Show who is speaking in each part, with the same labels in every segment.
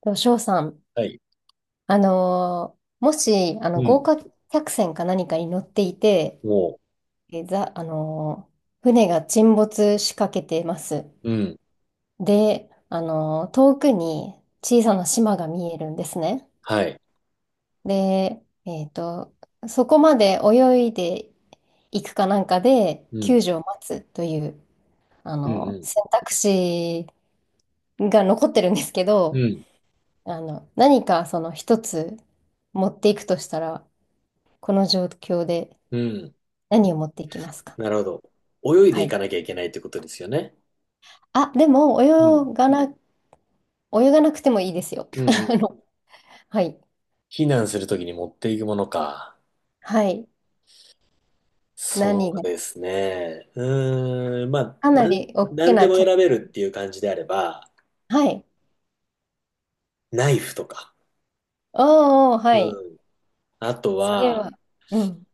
Speaker 1: と、翔さん、
Speaker 2: はい。
Speaker 1: あのーもし、あ
Speaker 2: う
Speaker 1: の、豪
Speaker 2: ん。
Speaker 1: 華客船か何かに乗っていて、
Speaker 2: も
Speaker 1: え、ざ、あのー船が沈没しかけてます。
Speaker 2: う、うん。
Speaker 1: で、遠くに小さな島が見えるんですね。
Speaker 2: はい。
Speaker 1: で、そこまで泳いでいくかなんかで、
Speaker 2: うん。
Speaker 1: 救助を待つという、
Speaker 2: うん。
Speaker 1: 選択肢が残ってるんですけ
Speaker 2: うん。
Speaker 1: ど、
Speaker 2: うん。
Speaker 1: 何かその一つ持っていくとしたら、この状況で
Speaker 2: うん
Speaker 1: 何を持っていきますか？
Speaker 2: なるほど。泳いで
Speaker 1: は
Speaker 2: いか
Speaker 1: い。
Speaker 2: なきゃいけないってことですよね。
Speaker 1: あ、でも、
Speaker 2: うん。
Speaker 1: 泳がなくてもいいですよ。
Speaker 2: う んう
Speaker 1: あ
Speaker 2: ん。
Speaker 1: の、はい。
Speaker 2: 避難するときに持っていくものか。
Speaker 1: はい。何
Speaker 2: そう
Speaker 1: が、
Speaker 2: ですね。うーん。まあ、
Speaker 1: かなり大
Speaker 2: な
Speaker 1: き
Speaker 2: んで
Speaker 1: な
Speaker 2: も
Speaker 1: 客、
Speaker 2: 選べるっていう感じであれば、
Speaker 1: はい。
Speaker 2: ナイフとか。
Speaker 1: おーおー、はい。
Speaker 2: うん。あと
Speaker 1: それ
Speaker 2: は、
Speaker 1: は、うん。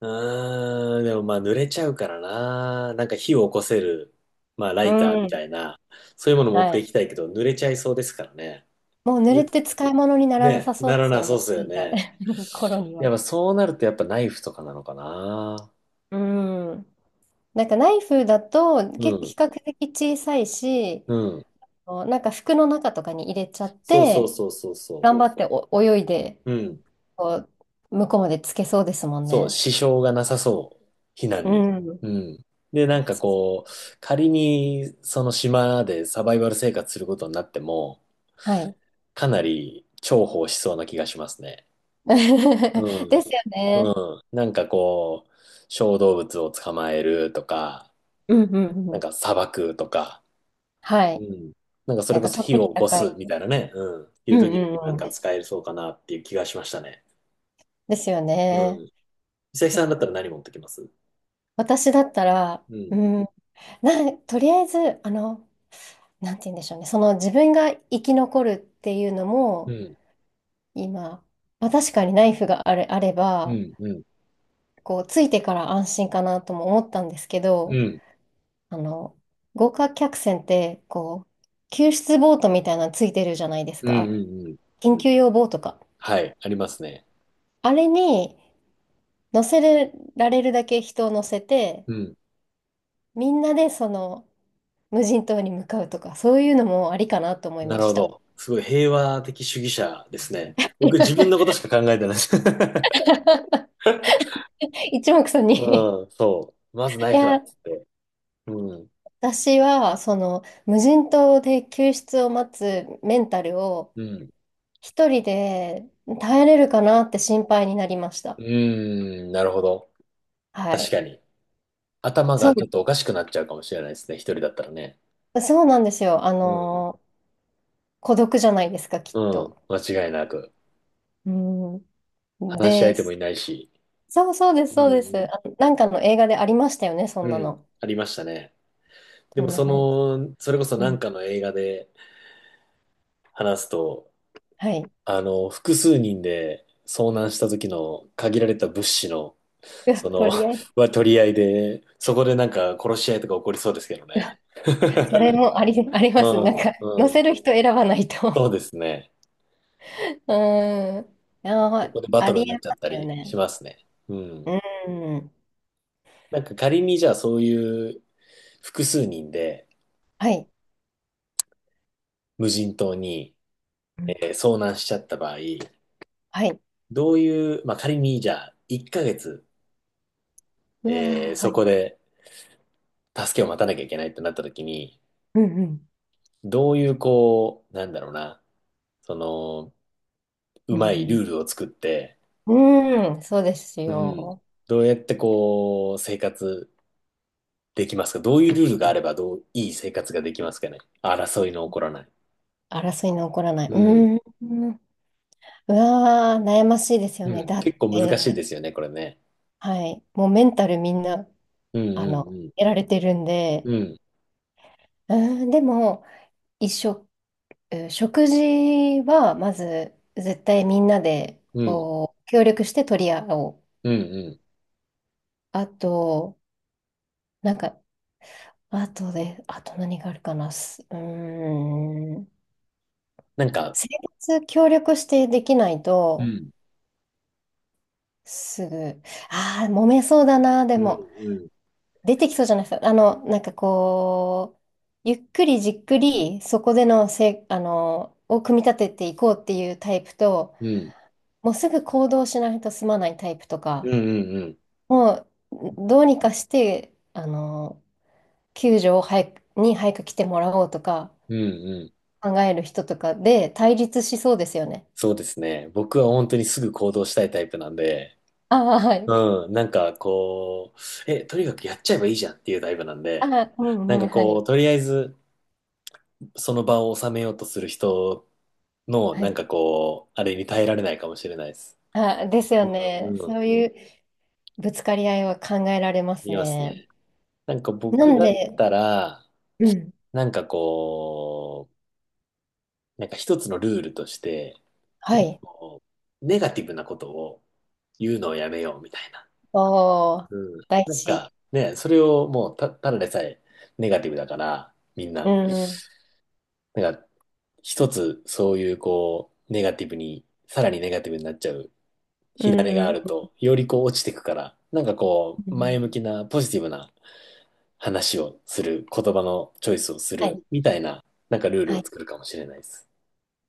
Speaker 2: うーん。でもまあ、濡れちゃうからな。なんか火を起こせる、まあ、ラ
Speaker 1: う
Speaker 2: イターみた
Speaker 1: ん。
Speaker 2: いな、そういうもの持っ
Speaker 1: は
Speaker 2: てい
Speaker 1: い。
Speaker 2: きたいけど、濡れちゃいそうですからね。
Speaker 1: もう濡れて使い物にならな
Speaker 2: ね、
Speaker 1: さそう
Speaker 2: な
Speaker 1: で
Speaker 2: ら
Speaker 1: す
Speaker 2: な
Speaker 1: よ
Speaker 2: そうっ
Speaker 1: ね。
Speaker 2: す よ
Speaker 1: 着いた
Speaker 2: ね。
Speaker 1: 頃に
Speaker 2: や
Speaker 1: は。
Speaker 2: っぱそうなるとやっぱナイフとかなのかな。
Speaker 1: うん。なんかナイフだと
Speaker 2: う
Speaker 1: 結構比
Speaker 2: ん、
Speaker 1: 較的小さいし、
Speaker 2: うん。
Speaker 1: なんか服の中とかに入れちゃっ
Speaker 2: そうそう
Speaker 1: て、
Speaker 2: そうそうそ
Speaker 1: 頑張ってお泳いで
Speaker 2: う。うん。
Speaker 1: こう向こうまでつけそうですもん
Speaker 2: そう、
Speaker 1: ね。
Speaker 2: 支障がなさそう。避
Speaker 1: う
Speaker 2: 難に。
Speaker 1: ん。
Speaker 2: うん。で、なんか
Speaker 1: そう、
Speaker 2: こう、仮にその島でサバイバル生活することになっても、
Speaker 1: はい。
Speaker 2: かなり重宝しそうな気がしますね。うん、
Speaker 1: ですよね。
Speaker 2: うん。なんかこう、小動物を捕まえるとか、
Speaker 1: うんうんう
Speaker 2: なん
Speaker 1: ん。
Speaker 2: か砂漠とか、
Speaker 1: は
Speaker 2: う
Speaker 1: い。
Speaker 2: ん。なんかそ
Speaker 1: な
Speaker 2: れ
Speaker 1: ん
Speaker 2: こ
Speaker 1: か
Speaker 2: そ
Speaker 1: 取っ
Speaker 2: 火
Speaker 1: てき
Speaker 2: を起
Speaker 1: た
Speaker 2: こす
Speaker 1: 回。
Speaker 2: みたいなね。うん。って
Speaker 1: う
Speaker 2: いう
Speaker 1: ん
Speaker 2: 時に
Speaker 1: う
Speaker 2: もな
Speaker 1: ん
Speaker 2: ん
Speaker 1: う
Speaker 2: か
Speaker 1: ん。
Speaker 2: 使えそうかなっていう気がしましたね。
Speaker 1: ですよ
Speaker 2: うん。
Speaker 1: ね。
Speaker 2: 美咲さんだったら何持ってきます？
Speaker 1: 私だったら、
Speaker 2: うん。
Speaker 1: うん、とりあえず、なんて言うんでしょうね。その自分が生き残るっていうの
Speaker 2: う
Speaker 1: も、
Speaker 2: ん。
Speaker 1: 今、まあ、確かにナイフがあれ、あれ
Speaker 2: う
Speaker 1: ば、
Speaker 2: ん。うん。
Speaker 1: こう、ついてから安心かなとも思ったんですけ
Speaker 2: う
Speaker 1: ど、
Speaker 2: ん。うん。
Speaker 1: あの、豪華客船って、こう、救出ボートみたいなのついてるじゃないです
Speaker 2: うん
Speaker 1: か。
Speaker 2: うん
Speaker 1: 緊急用ボートか。
Speaker 2: はい。ありますね。
Speaker 1: あれに乗せられるだけ人を乗せて、
Speaker 2: うん。
Speaker 1: みんなでその無人島に向かうとか、そういうのもありかなと思い
Speaker 2: な
Speaker 1: ま
Speaker 2: る
Speaker 1: し
Speaker 2: ほ
Speaker 1: た。
Speaker 2: ど。すごい平和的主義者ですね。僕自分のことし か考えてないです。
Speaker 1: 一目散に、
Speaker 2: うん。そう。まず
Speaker 1: い
Speaker 2: ナイフだっ
Speaker 1: や、
Speaker 2: つって。うん。
Speaker 1: 私はその無人島で救出を待つメンタルを
Speaker 2: うん。
Speaker 1: 一人で耐えれるかなって心配になりました。
Speaker 2: うーん。なるほど。
Speaker 1: は
Speaker 2: 確
Speaker 1: い。
Speaker 2: かに。頭
Speaker 1: そ
Speaker 2: が
Speaker 1: う、
Speaker 2: ちょっとおかしくなっちゃうかもしれないですね。一人だったらね。
Speaker 1: そうなんですよ。
Speaker 2: うん。
Speaker 1: 孤独じゃないですか、きっ
Speaker 2: うん、
Speaker 1: と。
Speaker 2: 間違いなく。
Speaker 1: うん。
Speaker 2: 話し
Speaker 1: で、
Speaker 2: 相手もいないし。
Speaker 1: そうそうです、
Speaker 2: う
Speaker 1: そうです。
Speaker 2: ん
Speaker 1: あ、なんかの映画でありましたよね、そん
Speaker 2: うん。
Speaker 1: な
Speaker 2: うん、
Speaker 1: の。
Speaker 2: ありましたね。で
Speaker 1: ト
Speaker 2: も
Speaker 1: ム・
Speaker 2: そ
Speaker 1: ハンクス。
Speaker 2: の、それこそ
Speaker 1: う
Speaker 2: なん
Speaker 1: ん。
Speaker 2: かの映画で話すと、
Speaker 1: はい。
Speaker 2: 複数人で遭難した時の限られた物資の、
Speaker 1: うわ、
Speaker 2: その、
Speaker 1: 取り合い。
Speaker 2: は取り合いで、そこでなんか殺し合いとか起こりそうですけどね。
Speaker 1: それもあり、あります。
Speaker 2: う
Speaker 1: なん
Speaker 2: ん、
Speaker 1: か、載
Speaker 2: う
Speaker 1: せ
Speaker 2: ん。
Speaker 1: る人選ばない
Speaker 2: そ
Speaker 1: と。
Speaker 2: うですね。
Speaker 1: うん。
Speaker 2: そ
Speaker 1: あ、
Speaker 2: こでバト
Speaker 1: あ
Speaker 2: ル
Speaker 1: り
Speaker 2: に
Speaker 1: え
Speaker 2: なっちゃっ
Speaker 1: ま
Speaker 2: た
Speaker 1: すよ
Speaker 2: りし
Speaker 1: ね。
Speaker 2: ますね。うん。
Speaker 1: うん。
Speaker 2: なんか仮にじゃあそういう複数人で
Speaker 1: はい。
Speaker 2: 無人島に
Speaker 1: うん、
Speaker 2: 遭難しちゃった場合、
Speaker 1: はい。
Speaker 2: どういう、まあ、仮にじゃあ1ヶ月、
Speaker 1: うわー、は
Speaker 2: そこ
Speaker 1: い。
Speaker 2: で助けを待たなきゃいけないってなった時に、
Speaker 1: うん
Speaker 2: どういうこう、なんだろうな、その、う
Speaker 1: う
Speaker 2: まいル
Speaker 1: ん。
Speaker 2: ールを作って、
Speaker 1: うん。うん、そうです
Speaker 2: うん、
Speaker 1: よ。
Speaker 2: どうやってこう、生活できますか？どういうルールがあればどう、いい生活ができますかね、争いの起こらない。
Speaker 1: 争いの起こらない。
Speaker 2: うん、
Speaker 1: うん。うわー、悩ましいですよ
Speaker 2: う
Speaker 1: ね。
Speaker 2: ん、
Speaker 1: だっ
Speaker 2: 結構難しい
Speaker 1: て、
Speaker 2: ですよね、これね。
Speaker 1: はい、もうメンタルみんな、
Speaker 2: うんうん
Speaker 1: やられてるんで、
Speaker 2: うん。うん
Speaker 1: うーん、でも、一緒、うん食事は、まず、絶対みんなで、
Speaker 2: うん
Speaker 1: こう、協力して取り合おう。
Speaker 2: うんうん。
Speaker 1: あと、なんか、あとで、あと何があるかな。すうーん、
Speaker 2: なんか、
Speaker 1: 生活協力してできない
Speaker 2: う
Speaker 1: と、
Speaker 2: ん
Speaker 1: すぐ、ああ、揉めそうだな、で
Speaker 2: う
Speaker 1: も。
Speaker 2: んうん
Speaker 1: 出てきそうじゃないですか。なんかこう、ゆっくりじっくり、そこでのせ、あの、を組み立てていこうっていうタイプと、
Speaker 2: うん。
Speaker 1: もうすぐ行動しないと済まないタイプと
Speaker 2: う
Speaker 1: か、
Speaker 2: んうんうん。
Speaker 1: もう、どうにかして、救助を早く来てもらおうとか、
Speaker 2: うんうん。
Speaker 1: 考える人とかで対立しそうですよね。
Speaker 2: そうですね。僕は本当にすぐ行動したいタイプなんで、
Speaker 1: ああ、はい。
Speaker 2: うん、なんかこう、とにかくやっちゃえばいいじゃんっていうタイプなん
Speaker 1: あ
Speaker 2: で、
Speaker 1: あ、う
Speaker 2: なん
Speaker 1: んう
Speaker 2: か
Speaker 1: ん、は
Speaker 2: こ
Speaker 1: い。
Speaker 2: う、とりあえずその場を収めようとする人の、
Speaker 1: は
Speaker 2: なん
Speaker 1: い。
Speaker 2: かこう、あれに耐えられないかもしれないです。
Speaker 1: ああ、ですよ
Speaker 2: う
Speaker 1: ね。
Speaker 2: んうん。
Speaker 1: そういうぶつかり合いは考えられます
Speaker 2: 見ます
Speaker 1: ね。
Speaker 2: ね。なんか
Speaker 1: な
Speaker 2: 僕
Speaker 1: ん
Speaker 2: だっ
Speaker 1: で、
Speaker 2: たら、
Speaker 1: うん、
Speaker 2: なんかこなんか一つのルールとして、
Speaker 1: は
Speaker 2: なんか
Speaker 1: い。
Speaker 2: こう、ネガティブなことを言うのをやめようみたいな。
Speaker 1: おー、
Speaker 2: うん。
Speaker 1: 大
Speaker 2: なん
Speaker 1: 事。
Speaker 2: かね、それをもうた、ただでさえネガティブだから、みん
Speaker 1: う
Speaker 2: な。
Speaker 1: ん。うん、
Speaker 2: なんか、一つそういうこう、ネガティブに、さらにネガティブになっちゃう
Speaker 1: う
Speaker 2: 火種があ
Speaker 1: ん、
Speaker 2: ると、よりこう落ちてくから、なんかこ
Speaker 1: う
Speaker 2: う、
Speaker 1: ん。
Speaker 2: 前向きなポジティブな話をする、言葉のチョイスをす
Speaker 1: はい。
Speaker 2: る、みたいな、なんかルール
Speaker 1: は
Speaker 2: を
Speaker 1: い。
Speaker 2: 作るかもしれないです。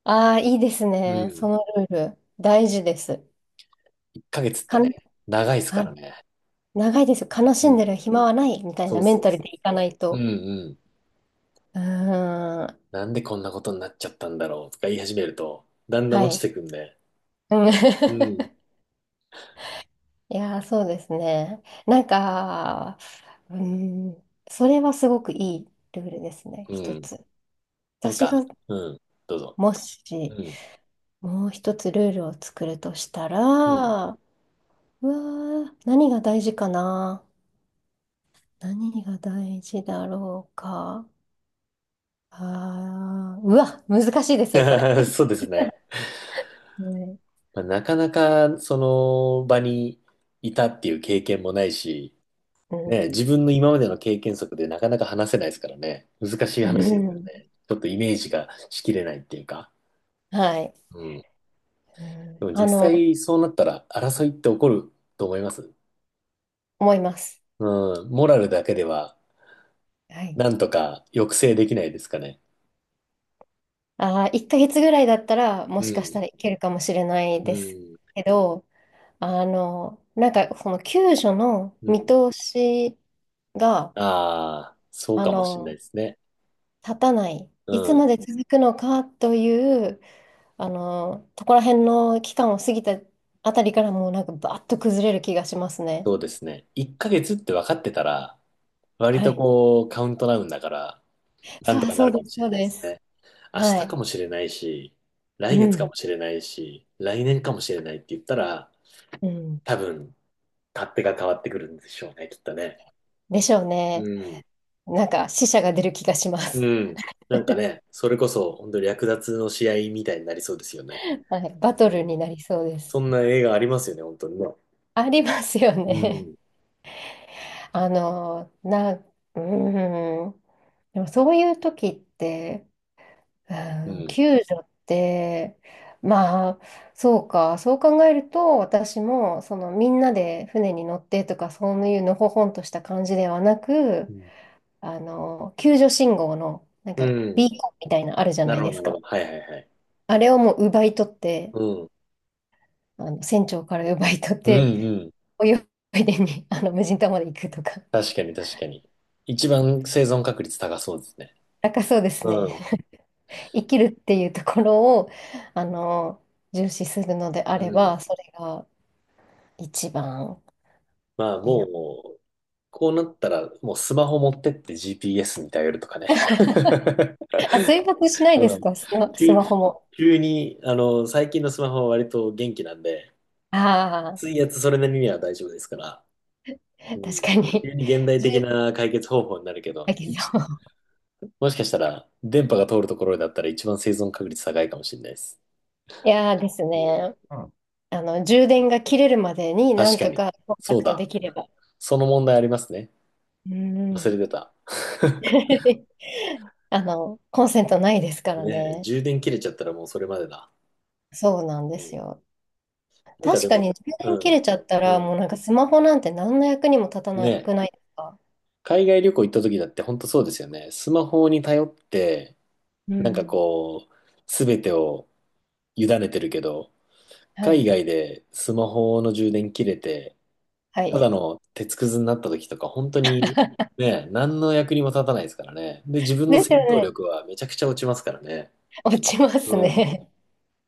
Speaker 1: ああ、いいです
Speaker 2: う
Speaker 1: ね。そ
Speaker 2: ん。
Speaker 1: のルール。大事です。
Speaker 2: 1ヶ月って
Speaker 1: かん、
Speaker 2: ね、長いですか
Speaker 1: は
Speaker 2: ら
Speaker 1: い。
Speaker 2: ね。
Speaker 1: 長いですよ。悲
Speaker 2: う
Speaker 1: しんで
Speaker 2: ん。
Speaker 1: る暇はないみたい
Speaker 2: そ
Speaker 1: な
Speaker 2: う
Speaker 1: メン
Speaker 2: そう
Speaker 1: タルで
Speaker 2: そう
Speaker 1: いかな
Speaker 2: そ
Speaker 1: い
Speaker 2: う。う
Speaker 1: と。
Speaker 2: んうん。
Speaker 1: うーん。
Speaker 2: なんでこんなことになっちゃったんだろうとか言い始めると、だんだん
Speaker 1: は
Speaker 2: 落ち
Speaker 1: い。
Speaker 2: てくんで。
Speaker 1: うん
Speaker 2: うん。
Speaker 1: いやー、そうですね。なんか、うーん。それはすごくいいルールですね。
Speaker 2: う
Speaker 1: 一
Speaker 2: ん。
Speaker 1: つ。
Speaker 2: なん
Speaker 1: 私
Speaker 2: か、
Speaker 1: が
Speaker 2: うん。どうぞ。
Speaker 1: も
Speaker 2: う
Speaker 1: し、
Speaker 2: ん。
Speaker 1: もう一つルールを作るとしたら、う
Speaker 2: うん。
Speaker 1: わー、何が大事かな、何が大事だろうか。あー、うわ、難しいですよ、これ。
Speaker 2: そうですね。
Speaker 1: うん
Speaker 2: まあ、なかなかその場にいたっていう経験もないし、
Speaker 1: う
Speaker 2: ね、
Speaker 1: ん、
Speaker 2: 自分の今までの経験則でなかなか話せないですからね。難しい
Speaker 1: う
Speaker 2: 話ですよ
Speaker 1: ん、
Speaker 2: ね。ちょっとイメージがしきれないっていうか。
Speaker 1: はい、
Speaker 2: うん。
Speaker 1: う
Speaker 2: で
Speaker 1: ん。
Speaker 2: も実際そうなったら争いって起こると思います。
Speaker 1: 思います。
Speaker 2: うん。モラルだけでは
Speaker 1: はい。
Speaker 2: なんとか抑制できないですかね。
Speaker 1: あー、1ヶ月ぐらいだったら、も
Speaker 2: う
Speaker 1: しかした
Speaker 2: ん、
Speaker 1: らいけるかもしれない
Speaker 2: う
Speaker 1: です
Speaker 2: ん、
Speaker 1: けど、なんか、この救助の
Speaker 2: う
Speaker 1: 見
Speaker 2: ん。
Speaker 1: 通しが、
Speaker 2: ああ、そう
Speaker 1: あ
Speaker 2: かもしれない
Speaker 1: の、
Speaker 2: ですね。
Speaker 1: 立たない。
Speaker 2: う
Speaker 1: いつ
Speaker 2: ん、
Speaker 1: まで続くのかという、そこら辺の期間を過ぎたあたりからもうなんかバーッと崩れる気がしますね。
Speaker 2: そうですね。1ヶ月って分かってたら、割
Speaker 1: は
Speaker 2: と
Speaker 1: い。
Speaker 2: こう、カウントダウンだから、なんと
Speaker 1: そう、
Speaker 2: かな
Speaker 1: そ
Speaker 2: る
Speaker 1: う
Speaker 2: か
Speaker 1: で
Speaker 2: も
Speaker 1: す、
Speaker 2: しれ
Speaker 1: そう
Speaker 2: ないで
Speaker 1: で
Speaker 2: す
Speaker 1: す。
Speaker 2: ね。明日
Speaker 1: はい。
Speaker 2: かもしれないし、来
Speaker 1: う
Speaker 2: 月か
Speaker 1: ん。
Speaker 2: もしれないし、来年かもしれないって言ったら、
Speaker 1: うん。
Speaker 2: 多分、勝手が変わってくるんでしょうね、きっとね。
Speaker 1: でしょう
Speaker 2: う
Speaker 1: ね。
Speaker 2: ん。
Speaker 1: なんか死者が出る気がします。
Speaker 2: うん。なんかね、それこそ、本当に略奪の試合みたいになりそうですよね。
Speaker 1: はい。バ
Speaker 2: う
Speaker 1: ト
Speaker 2: ん、
Speaker 1: ルになりそうで
Speaker 2: そ
Speaker 1: す。
Speaker 2: んな映画ありますよね、本当にね。
Speaker 1: ありますよ
Speaker 2: う
Speaker 1: ね。
Speaker 2: ん。
Speaker 1: あの、な、うん。でもそういう時って、う
Speaker 2: う
Speaker 1: ん、
Speaker 2: ん。
Speaker 1: 救助って、まあ、そうか、そう考えると、私も、その、みんなで船に乗ってとか、そういうのほほんとした感じではな
Speaker 2: う
Speaker 1: く、
Speaker 2: ん。
Speaker 1: 救助信号の、なん
Speaker 2: う
Speaker 1: か、
Speaker 2: ん。
Speaker 1: ビーコンみたいなあるじゃ
Speaker 2: な
Speaker 1: ない
Speaker 2: るほ
Speaker 1: で
Speaker 2: ど、
Speaker 1: す
Speaker 2: なる
Speaker 1: か。
Speaker 2: ほど。はいはいはい。
Speaker 1: あれをもう奪い取って、
Speaker 2: うん。
Speaker 1: 船長から奪い取っ
Speaker 2: う
Speaker 1: て、
Speaker 2: んうん。
Speaker 1: 泳いでに、あの、無人島まで行くとか。
Speaker 2: 確かに、確かに。一番生存確率高そうですね。
Speaker 1: なんかそうです
Speaker 2: う
Speaker 1: ね。
Speaker 2: ん。
Speaker 1: 生きるっていうところを、あの、重視するのであ
Speaker 2: う
Speaker 1: れ
Speaker 2: ん。
Speaker 1: ば、それが一番。
Speaker 2: まあ
Speaker 1: いいの
Speaker 2: も
Speaker 1: かな。
Speaker 2: う、こうなったら、もうスマホ持ってって GPS に頼るとかね。
Speaker 1: あ、水没しないで
Speaker 2: う
Speaker 1: す
Speaker 2: ん。
Speaker 1: か、ス
Speaker 2: 急、
Speaker 1: マホも。
Speaker 2: 急に、あの、最近のスマホは割と元気なんで、
Speaker 1: あ
Speaker 2: 水圧それなりには大丈夫ですから、
Speaker 1: あ、
Speaker 2: う
Speaker 1: 確
Speaker 2: ん。
Speaker 1: かに。
Speaker 2: 急に現代
Speaker 1: じ
Speaker 2: 的
Speaker 1: ゅ、
Speaker 2: な解決方法になるけ
Speaker 1: だ
Speaker 2: ど、
Speaker 1: けど。い
Speaker 2: 一もしかしたら、電波が通るところだったら一番生存確率高いかもしれないです。
Speaker 1: やーです
Speaker 2: うん。
Speaker 1: ね。充電が切れるまでにな
Speaker 2: 確
Speaker 1: ん
Speaker 2: か
Speaker 1: と
Speaker 2: に。
Speaker 1: かコンタ
Speaker 2: そう
Speaker 1: クトで
Speaker 2: だ。
Speaker 1: きれば。
Speaker 2: その問題ありますね。
Speaker 1: う
Speaker 2: 忘
Speaker 1: ん。
Speaker 2: れてた。
Speaker 1: コンセントないですから
Speaker 2: ねえ、
Speaker 1: ね。
Speaker 2: 充電切れちゃったらもうそれまでだ。
Speaker 1: そうなんで
Speaker 2: う
Speaker 1: す
Speaker 2: ん。
Speaker 1: よ。
Speaker 2: なんか
Speaker 1: 確
Speaker 2: で
Speaker 1: か
Speaker 2: も、
Speaker 1: に充
Speaker 2: う
Speaker 1: 電切
Speaker 2: ん。
Speaker 1: れちゃった
Speaker 2: う
Speaker 1: ら、
Speaker 2: ん。
Speaker 1: もうなんかスマホなんて何の役にも立たな
Speaker 2: ね
Speaker 1: くな
Speaker 2: え、
Speaker 1: いですか？
Speaker 2: 海外旅行行った時だって本当そうですよね。スマホに頼って、
Speaker 1: う
Speaker 2: なんか
Speaker 1: ん。
Speaker 2: こう、すべてを委ねてるけど、
Speaker 1: は
Speaker 2: 海
Speaker 1: い。
Speaker 2: 外でスマホの充電切れて、
Speaker 1: は
Speaker 2: ただ
Speaker 1: い。
Speaker 2: の鉄くずになった時とか、本当にね、何の役にも立たないですからね。で、自分の
Speaker 1: ですよ
Speaker 2: 戦闘
Speaker 1: ね。
Speaker 2: 力はめちゃくちゃ落ちますからね。
Speaker 1: 落ちます
Speaker 2: うん。
Speaker 1: ね。